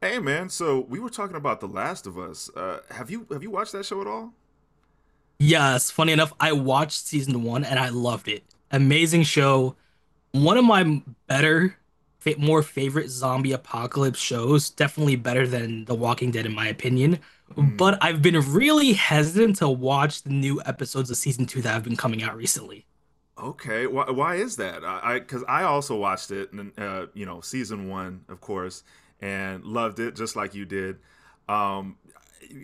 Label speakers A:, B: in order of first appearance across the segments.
A: Hey man, so we were talking about The Last of Us. Have you have you watched that show at all?
B: Yes, funny enough, I watched season one and I loved it. Amazing show. One of my better, fa more favorite zombie apocalypse shows. Definitely better than The Walking Dead, in my opinion.
A: Mm,
B: But I've been really hesitant to watch the new episodes of season two that have been coming out recently.
A: okay. Why is that? 'Cause I also watched it, and you know, season one, of course, and loved it just like you did. Um,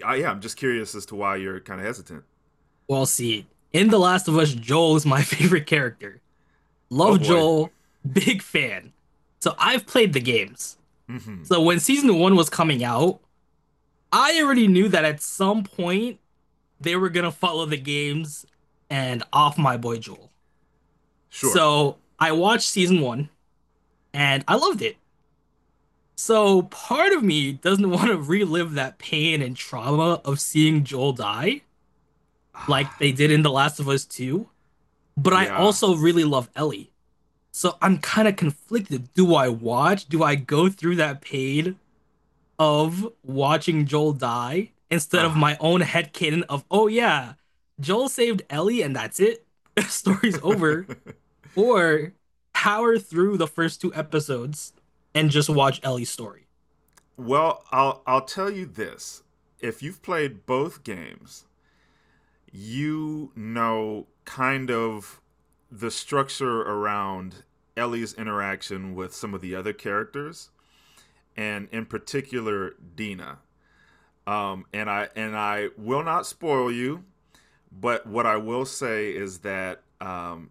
A: yeah, I'm just curious as to why you're kind of hesitant.
B: We'll see. In The Last of Us, Joel is my favorite character.
A: Oh
B: Love
A: boy.
B: Joel, big fan. So I've played the games.
A: Hmm.
B: So when season one was coming out, I already knew that at some point, they were gonna follow the games and off my boy Joel.
A: Sure.
B: So I watched season one and I loved it. So part of me doesn't want to relive that pain and trauma of seeing Joel die like
A: Ah,
B: they did in The Last of Us 2, but I
A: yeah.
B: also really love Ellie. So I'm kind of conflicted. Do I watch? Do I go through that pain of watching Joel die instead of
A: Ah.
B: my own headcanon of, "Oh yeah, Joel saved Ellie and that's it? Story's over," or power through the first two episodes and just watch Ellie's story?
A: Well, I'll tell you this. If you've played both games, you know kind of the structure around Ellie's interaction with some of the other characters, and in particular Dina. And I will not spoil you, but what I will say is that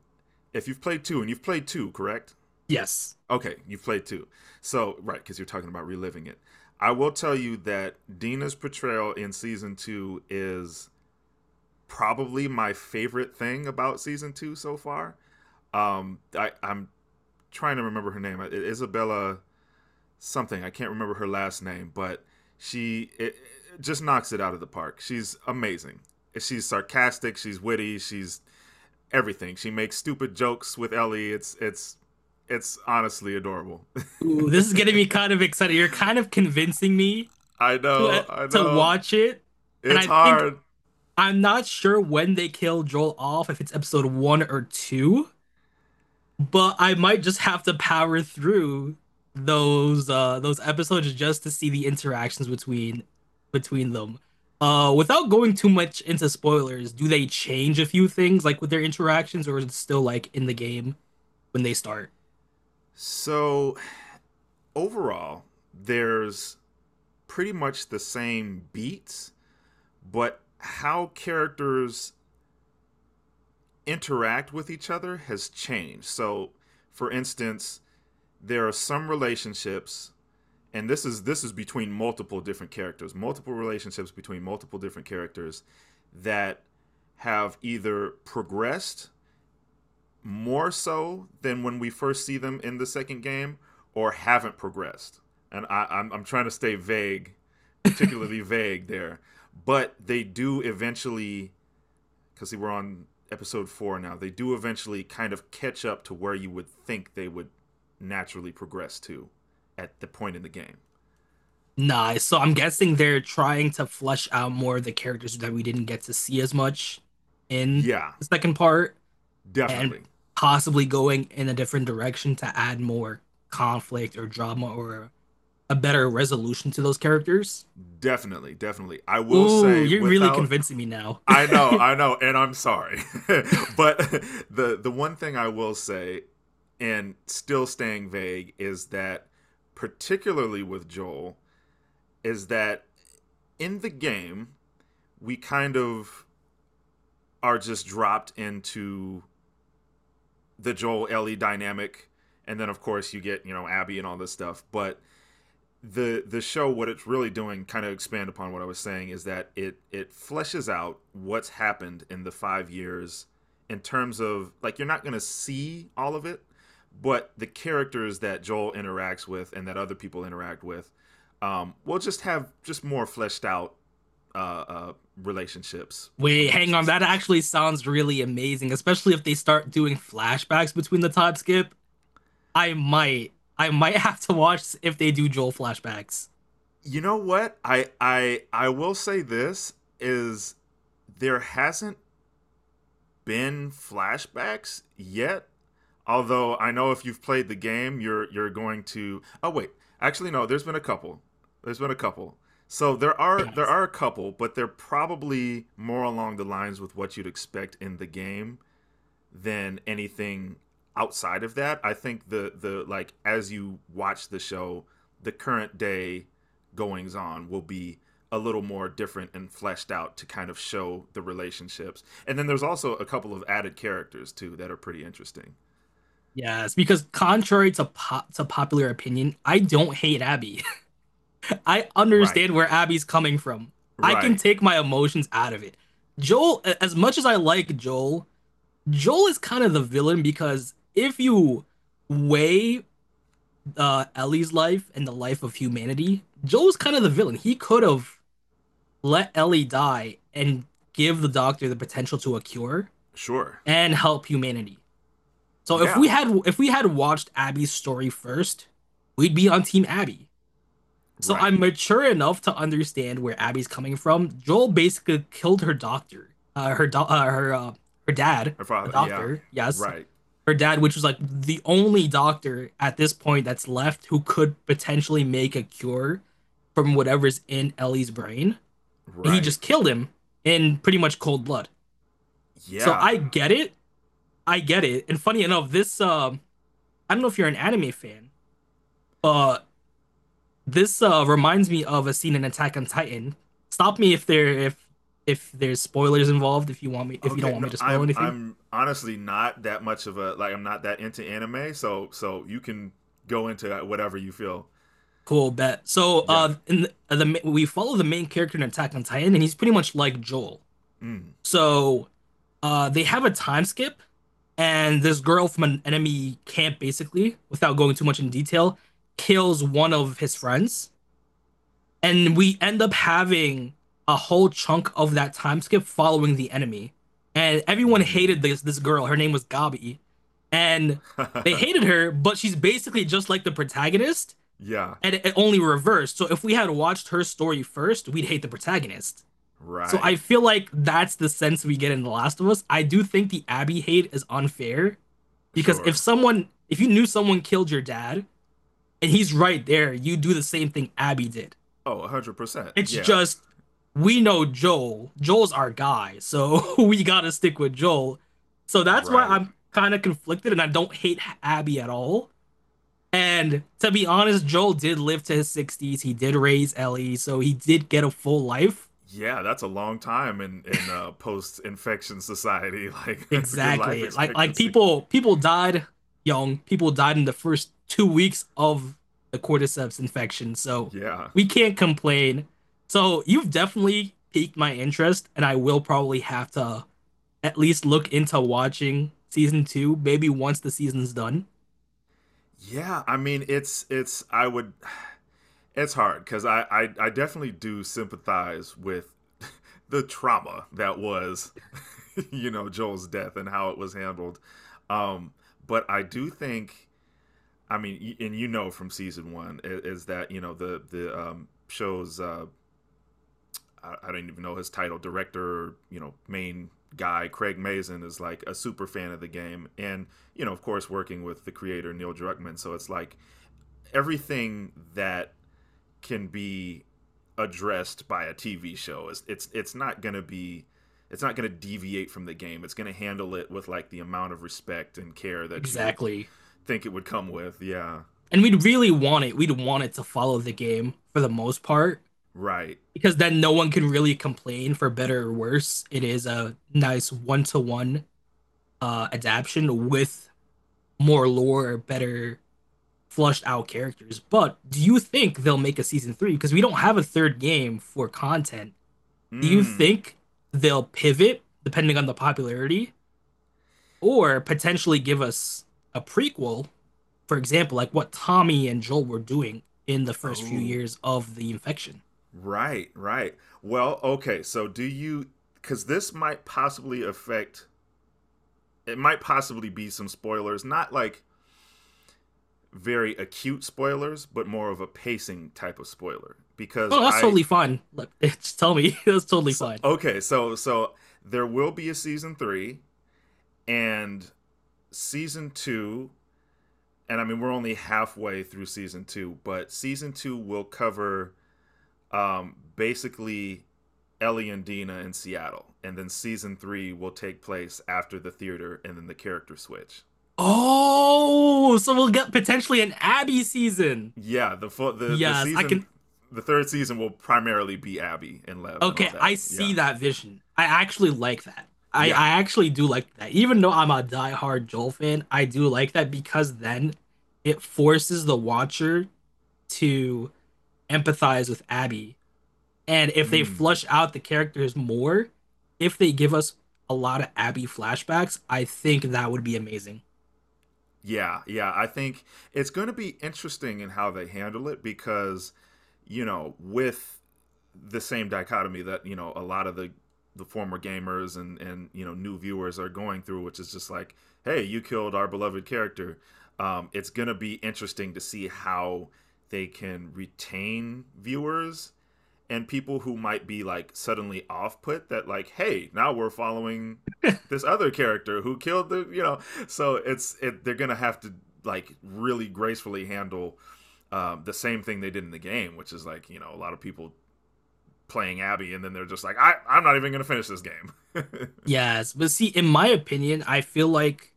A: if you've played two, and you've played two, correct?
B: Yes.
A: Okay, you've played two. So right, because you're talking about reliving it. I will tell you that Dina's portrayal in season two is probably my favorite thing about season two so far. I'm trying to remember her name, Isabella something. I can't remember her last name, but she it, it just knocks it out of the park. She's amazing. She's sarcastic. She's witty. She's everything. She makes stupid jokes with Ellie. It's honestly adorable.
B: Ooh, this is getting me kind of excited. You're kind of convincing me
A: I
B: to uh,
A: know. I
B: to
A: know.
B: watch it, and
A: It's
B: I think
A: hard.
B: I'm not sure when they kill Joel off, if it's episode one or two. But I might just have to power through those episodes just to see the interactions between them. Without going too much into spoilers, do they change a few things like with their interactions, or is it still like in the game when they start?
A: So overall, there's pretty much the same beats, but how characters interact with each other has changed. So, for instance, there are some relationships and this is between multiple different characters, multiple relationships between multiple different characters that have either progressed more so than when we first see them in the second game, or haven't progressed. And I'm trying to stay vague, particularly vague there. But they do eventually, because we're on episode four now, they do eventually kind of catch up to where you would think they would naturally progress to at the point in the game.
B: Nah, so I'm guessing they're trying to flesh out more of the characters that we didn't get to see as much in
A: Yeah,
B: the second part, and
A: definitely.
B: possibly going in a different direction to add more conflict or drama or a better resolution to those characters.
A: Definitely. Definitely. I will
B: Ooh,
A: say,
B: you're really
A: without—
B: convincing me now.
A: I know, I know, and I'm sorry. But the one thing I will say and still staying vague is that particularly with Joel is that in the game we kind of are just dropped into the Joel Ellie dynamic and then of course you get, you know, Abby and all this stuff, but the show what it's really doing kind of expand upon what I was saying is that it fleshes out what's happened in the 5 years in terms of like you're not going to see all of it but the characters that Joel interacts with and that other people interact with will just have just more fleshed out uh, uh, relationships
B: Wait,
A: amongst
B: hang on. That
A: themselves.
B: actually sounds really amazing, especially if they start doing flashbacks between the Todd skip. I might, I might have to watch if they do Joel flashbacks.
A: You know what I will say this is there hasn't been flashbacks yet. Although I know if you've played the game, you're going to. Oh wait, actually no. There's been a couple. There's been a couple. So there are there
B: Yes,
A: are a couple, but they're probably more along the lines with what you'd expect in the game than anything outside of that. I think the like as you watch the show, the current day goings on will be a little more different and fleshed out to kind of show the relationships. And then there's also a couple of added characters too that are pretty interesting.
B: yes, because contrary to popular opinion, I don't hate Abby. I
A: Right.
B: understand where Abby's coming from. I can
A: Right.
B: take my emotions out of it. Joel, as much as I like Joel, Joel is kind of the villain because if you weigh Ellie's life and the life of humanity, Joel's kind of the villain. He could have let Ellie die and give the doctor the potential to a cure
A: Sure.
B: and help humanity. So
A: Yeah.
B: if we had watched Abby's story first, we'd be on team Abby. So
A: Right.
B: I'm mature enough to understand where Abby's coming from. Joel basically killed her doctor, her do- her her dad,
A: Her
B: the
A: father. Yeah.
B: doctor, yes,
A: Right.
B: her dad, which was like the only doctor at this point that's left who could potentially make a cure from whatever's in Ellie's brain. And he
A: Right.
B: just killed him in pretty much cold blood. So
A: Yeah.
B: I get it. I get it. And funny enough, this I don't know if you're an anime fan, but this reminds me of a scene in Attack on Titan. Stop me if there's spoilers involved, if you don't
A: Okay,
B: want
A: no,
B: me to spoil
A: I'm
B: anything.
A: I'm honestly not that much of a— like I'm not that into anime, so so you can go into that whatever you feel.
B: Cool bet. So,
A: Yeah.
B: in the ma- we follow the main character in Attack on Titan, and he's pretty much like Joel.
A: Mm.
B: So, they have a time skip, and this girl from an enemy camp, basically, without going too much in detail, kills one of his friends, and we end up having a whole chunk of that time skip following the enemy. And everyone hated
A: Mm.
B: this girl. Her name was Gabi, and they hated her, but she's basically just like the protagonist
A: Yeah.
B: and it only reversed. So if we had watched her story first, we'd hate the protagonist. So I
A: Right.
B: feel like that's the sense we get in The Last of Us. I do think the Abby hate is unfair because if
A: Sure.
B: someone, if you knew someone killed your dad and he's right there, you do the same thing Abby did.
A: Oh, 100%.
B: It's
A: Yeah.
B: just we know Joel. Joel's our guy, so we gotta stick with Joel. So that's why
A: Right.
B: I'm kind of conflicted, and I don't hate Abby at all. And to be honest, Joel did live to his 60s. He did raise Ellie, so he did get a full life.
A: Yeah, that's a long time in post-infection society. Like that's a good life
B: Exactly. Like
A: expectancy.
B: people died young. People died in the first 2 weeks of the cordyceps infection. So
A: Yeah.
B: we can't complain. So you've definitely piqued my interest and I will probably have to at least look into watching season 2 maybe once the season's done.
A: Yeah, I mean it's I would— it's hard because I definitely do sympathize with the trauma that was, you know, Joel's death and how it was handled. Um, but I do think, I mean, and you know from season one is, that you know the show's I don't even know his title, director, you know, main guy Craig Mazin is like a super fan of the game, and you know, of course, working with the creator Neil Druckmann, so it's like everything that can be addressed by a TV show. It's not going to be— it's not going to deviate from the game. It's going to handle it with like the amount of respect and care that you would
B: Exactly.
A: think it would come with. Yeah.
B: And we'd really want it. We'd want it to follow the game for the most part
A: Right.
B: because then no one can really complain for better or worse. It is a nice one to one adaptation with more lore, better flushed out characters. But do you think they'll make a season three? Because we don't have a third game for content. Do you
A: Mm.
B: think they'll pivot depending on the popularity or potentially give us a prequel? For example, like what Tommy and Joel were doing in the first few
A: Oh,
B: years of the infection.
A: right, right. Well, okay. So do you— cuz this might possibly affect— it might possibly be some spoilers, not like very acute spoilers, but more of a pacing type of spoiler because
B: Oh, that's
A: I—
B: totally fine. Like, just tell me, that's totally
A: so
B: fine.
A: okay, so there will be a season three and season two, and I mean we're only halfway through season two, but season two will cover basically Ellie and Dina in Seattle, and then season three will take place after the theater and then the character switch.
B: Oh, so we'll get potentially an Abby season.
A: Yeah, the full,
B: Yes, I can.
A: the third season will primarily be Abby and Lev and all
B: Okay, I
A: that. Yeah,
B: see that vision. I actually like that. I,
A: yeah.
B: I actually do like that. Even though I'm a diehard Joel fan, I do like that because then it forces the watcher to empathize with Abby. And if they
A: Mm.
B: flush out the characters more, if they give us a lot of Abby flashbacks, I think that would be amazing.
A: Yeah, yeah. I think it's going to be interesting in how they handle it because, you know, with the same dichotomy that you know a lot of the former gamers and you know new viewers are going through, which is just like, hey, you killed our beloved character. It's going to be interesting to see how they can retain viewers and people who might be like suddenly off put that like hey now we're following this other character who killed the you know so they're gonna have to like really gracefully handle the same thing they did in the game which is like you know a lot of people playing abby and then they're just like I'm not even gonna finish this game.
B: Yes, but see, in my opinion, I feel like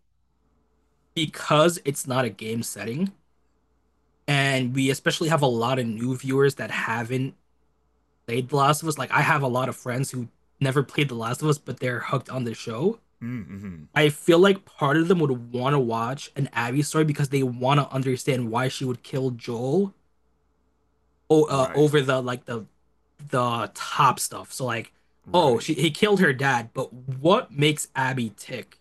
B: because it's not a game setting, and we especially have a lot of new viewers that haven't played The Last of Us. Like I have a lot of friends who never played The Last of Us, but they're hooked on the show.
A: Mm-hmm.
B: I feel like part of them would want to watch an Abby story because they want to understand why she would kill Joel
A: Right,
B: over, the top stuff. So like, oh,
A: right,
B: she he killed her dad, but what makes Abby tick?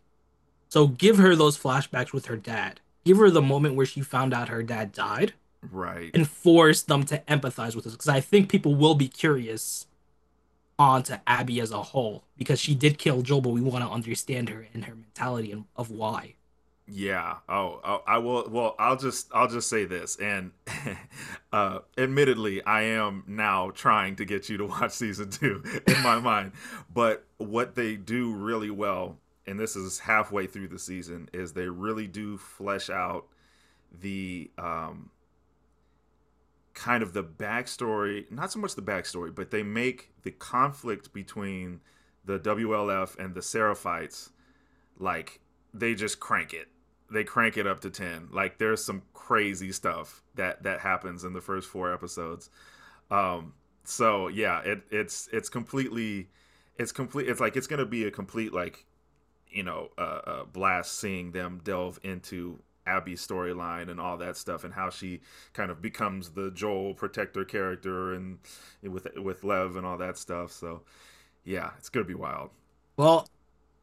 B: So give her those flashbacks with her dad. Give her the moment where she found out her dad died
A: right.
B: and force them to empathize with us because I think people will be curious onto Abby as a whole because she did kill Joel, but we want to understand her and her mentality and of why.
A: Yeah. Oh, oh, I will. Well, I'll just say this, and admittedly, I am now trying to get you to watch season two in my mind. But what they do really well, and this is halfway through the season, is they really do flesh out the kind of the backstory. Not so much the backstory, but they make the conflict between the WLF and the Seraphites like they just crank it. They crank it up to 10. Like there's some crazy stuff that that happens in the first four episodes. Um so yeah, it's completely— it's complete— it's like it's going to be a complete like, you know, blast seeing them delve into Abby's storyline and all that stuff and how she kind of becomes the Joel protector character and with Lev and all that stuff. So, yeah, it's going to be wild.
B: Well,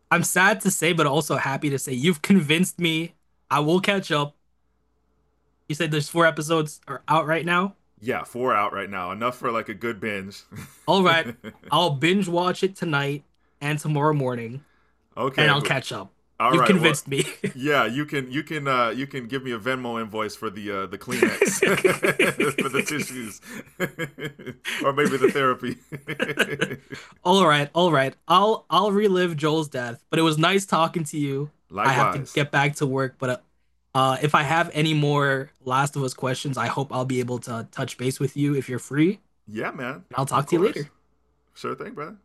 B: I'm sad to say, but also happy to say you've convinced me. I will catch up. You said there's four episodes are out right now.
A: Yeah, four out right now. Enough for like a good binge.
B: All right, I'll binge watch it tonight and tomorrow morning, and
A: Okay.
B: I'll
A: Wh-
B: catch up.
A: All
B: You've
A: right. Well,
B: convinced me.
A: yeah, you can you can you can give me a Venmo invoice for the Kleenex for the tissues. Or maybe the therapy.
B: All right, all right. I'll relive Joel's death, but it was nice talking to you. I have to
A: Likewise.
B: get back to work, but if I have any more Last of Us questions, I hope I'll be able to touch base with you if you're free, and
A: Yeah, man.
B: I'll
A: Of
B: talk to you
A: course.
B: later.
A: Sure thing, brother.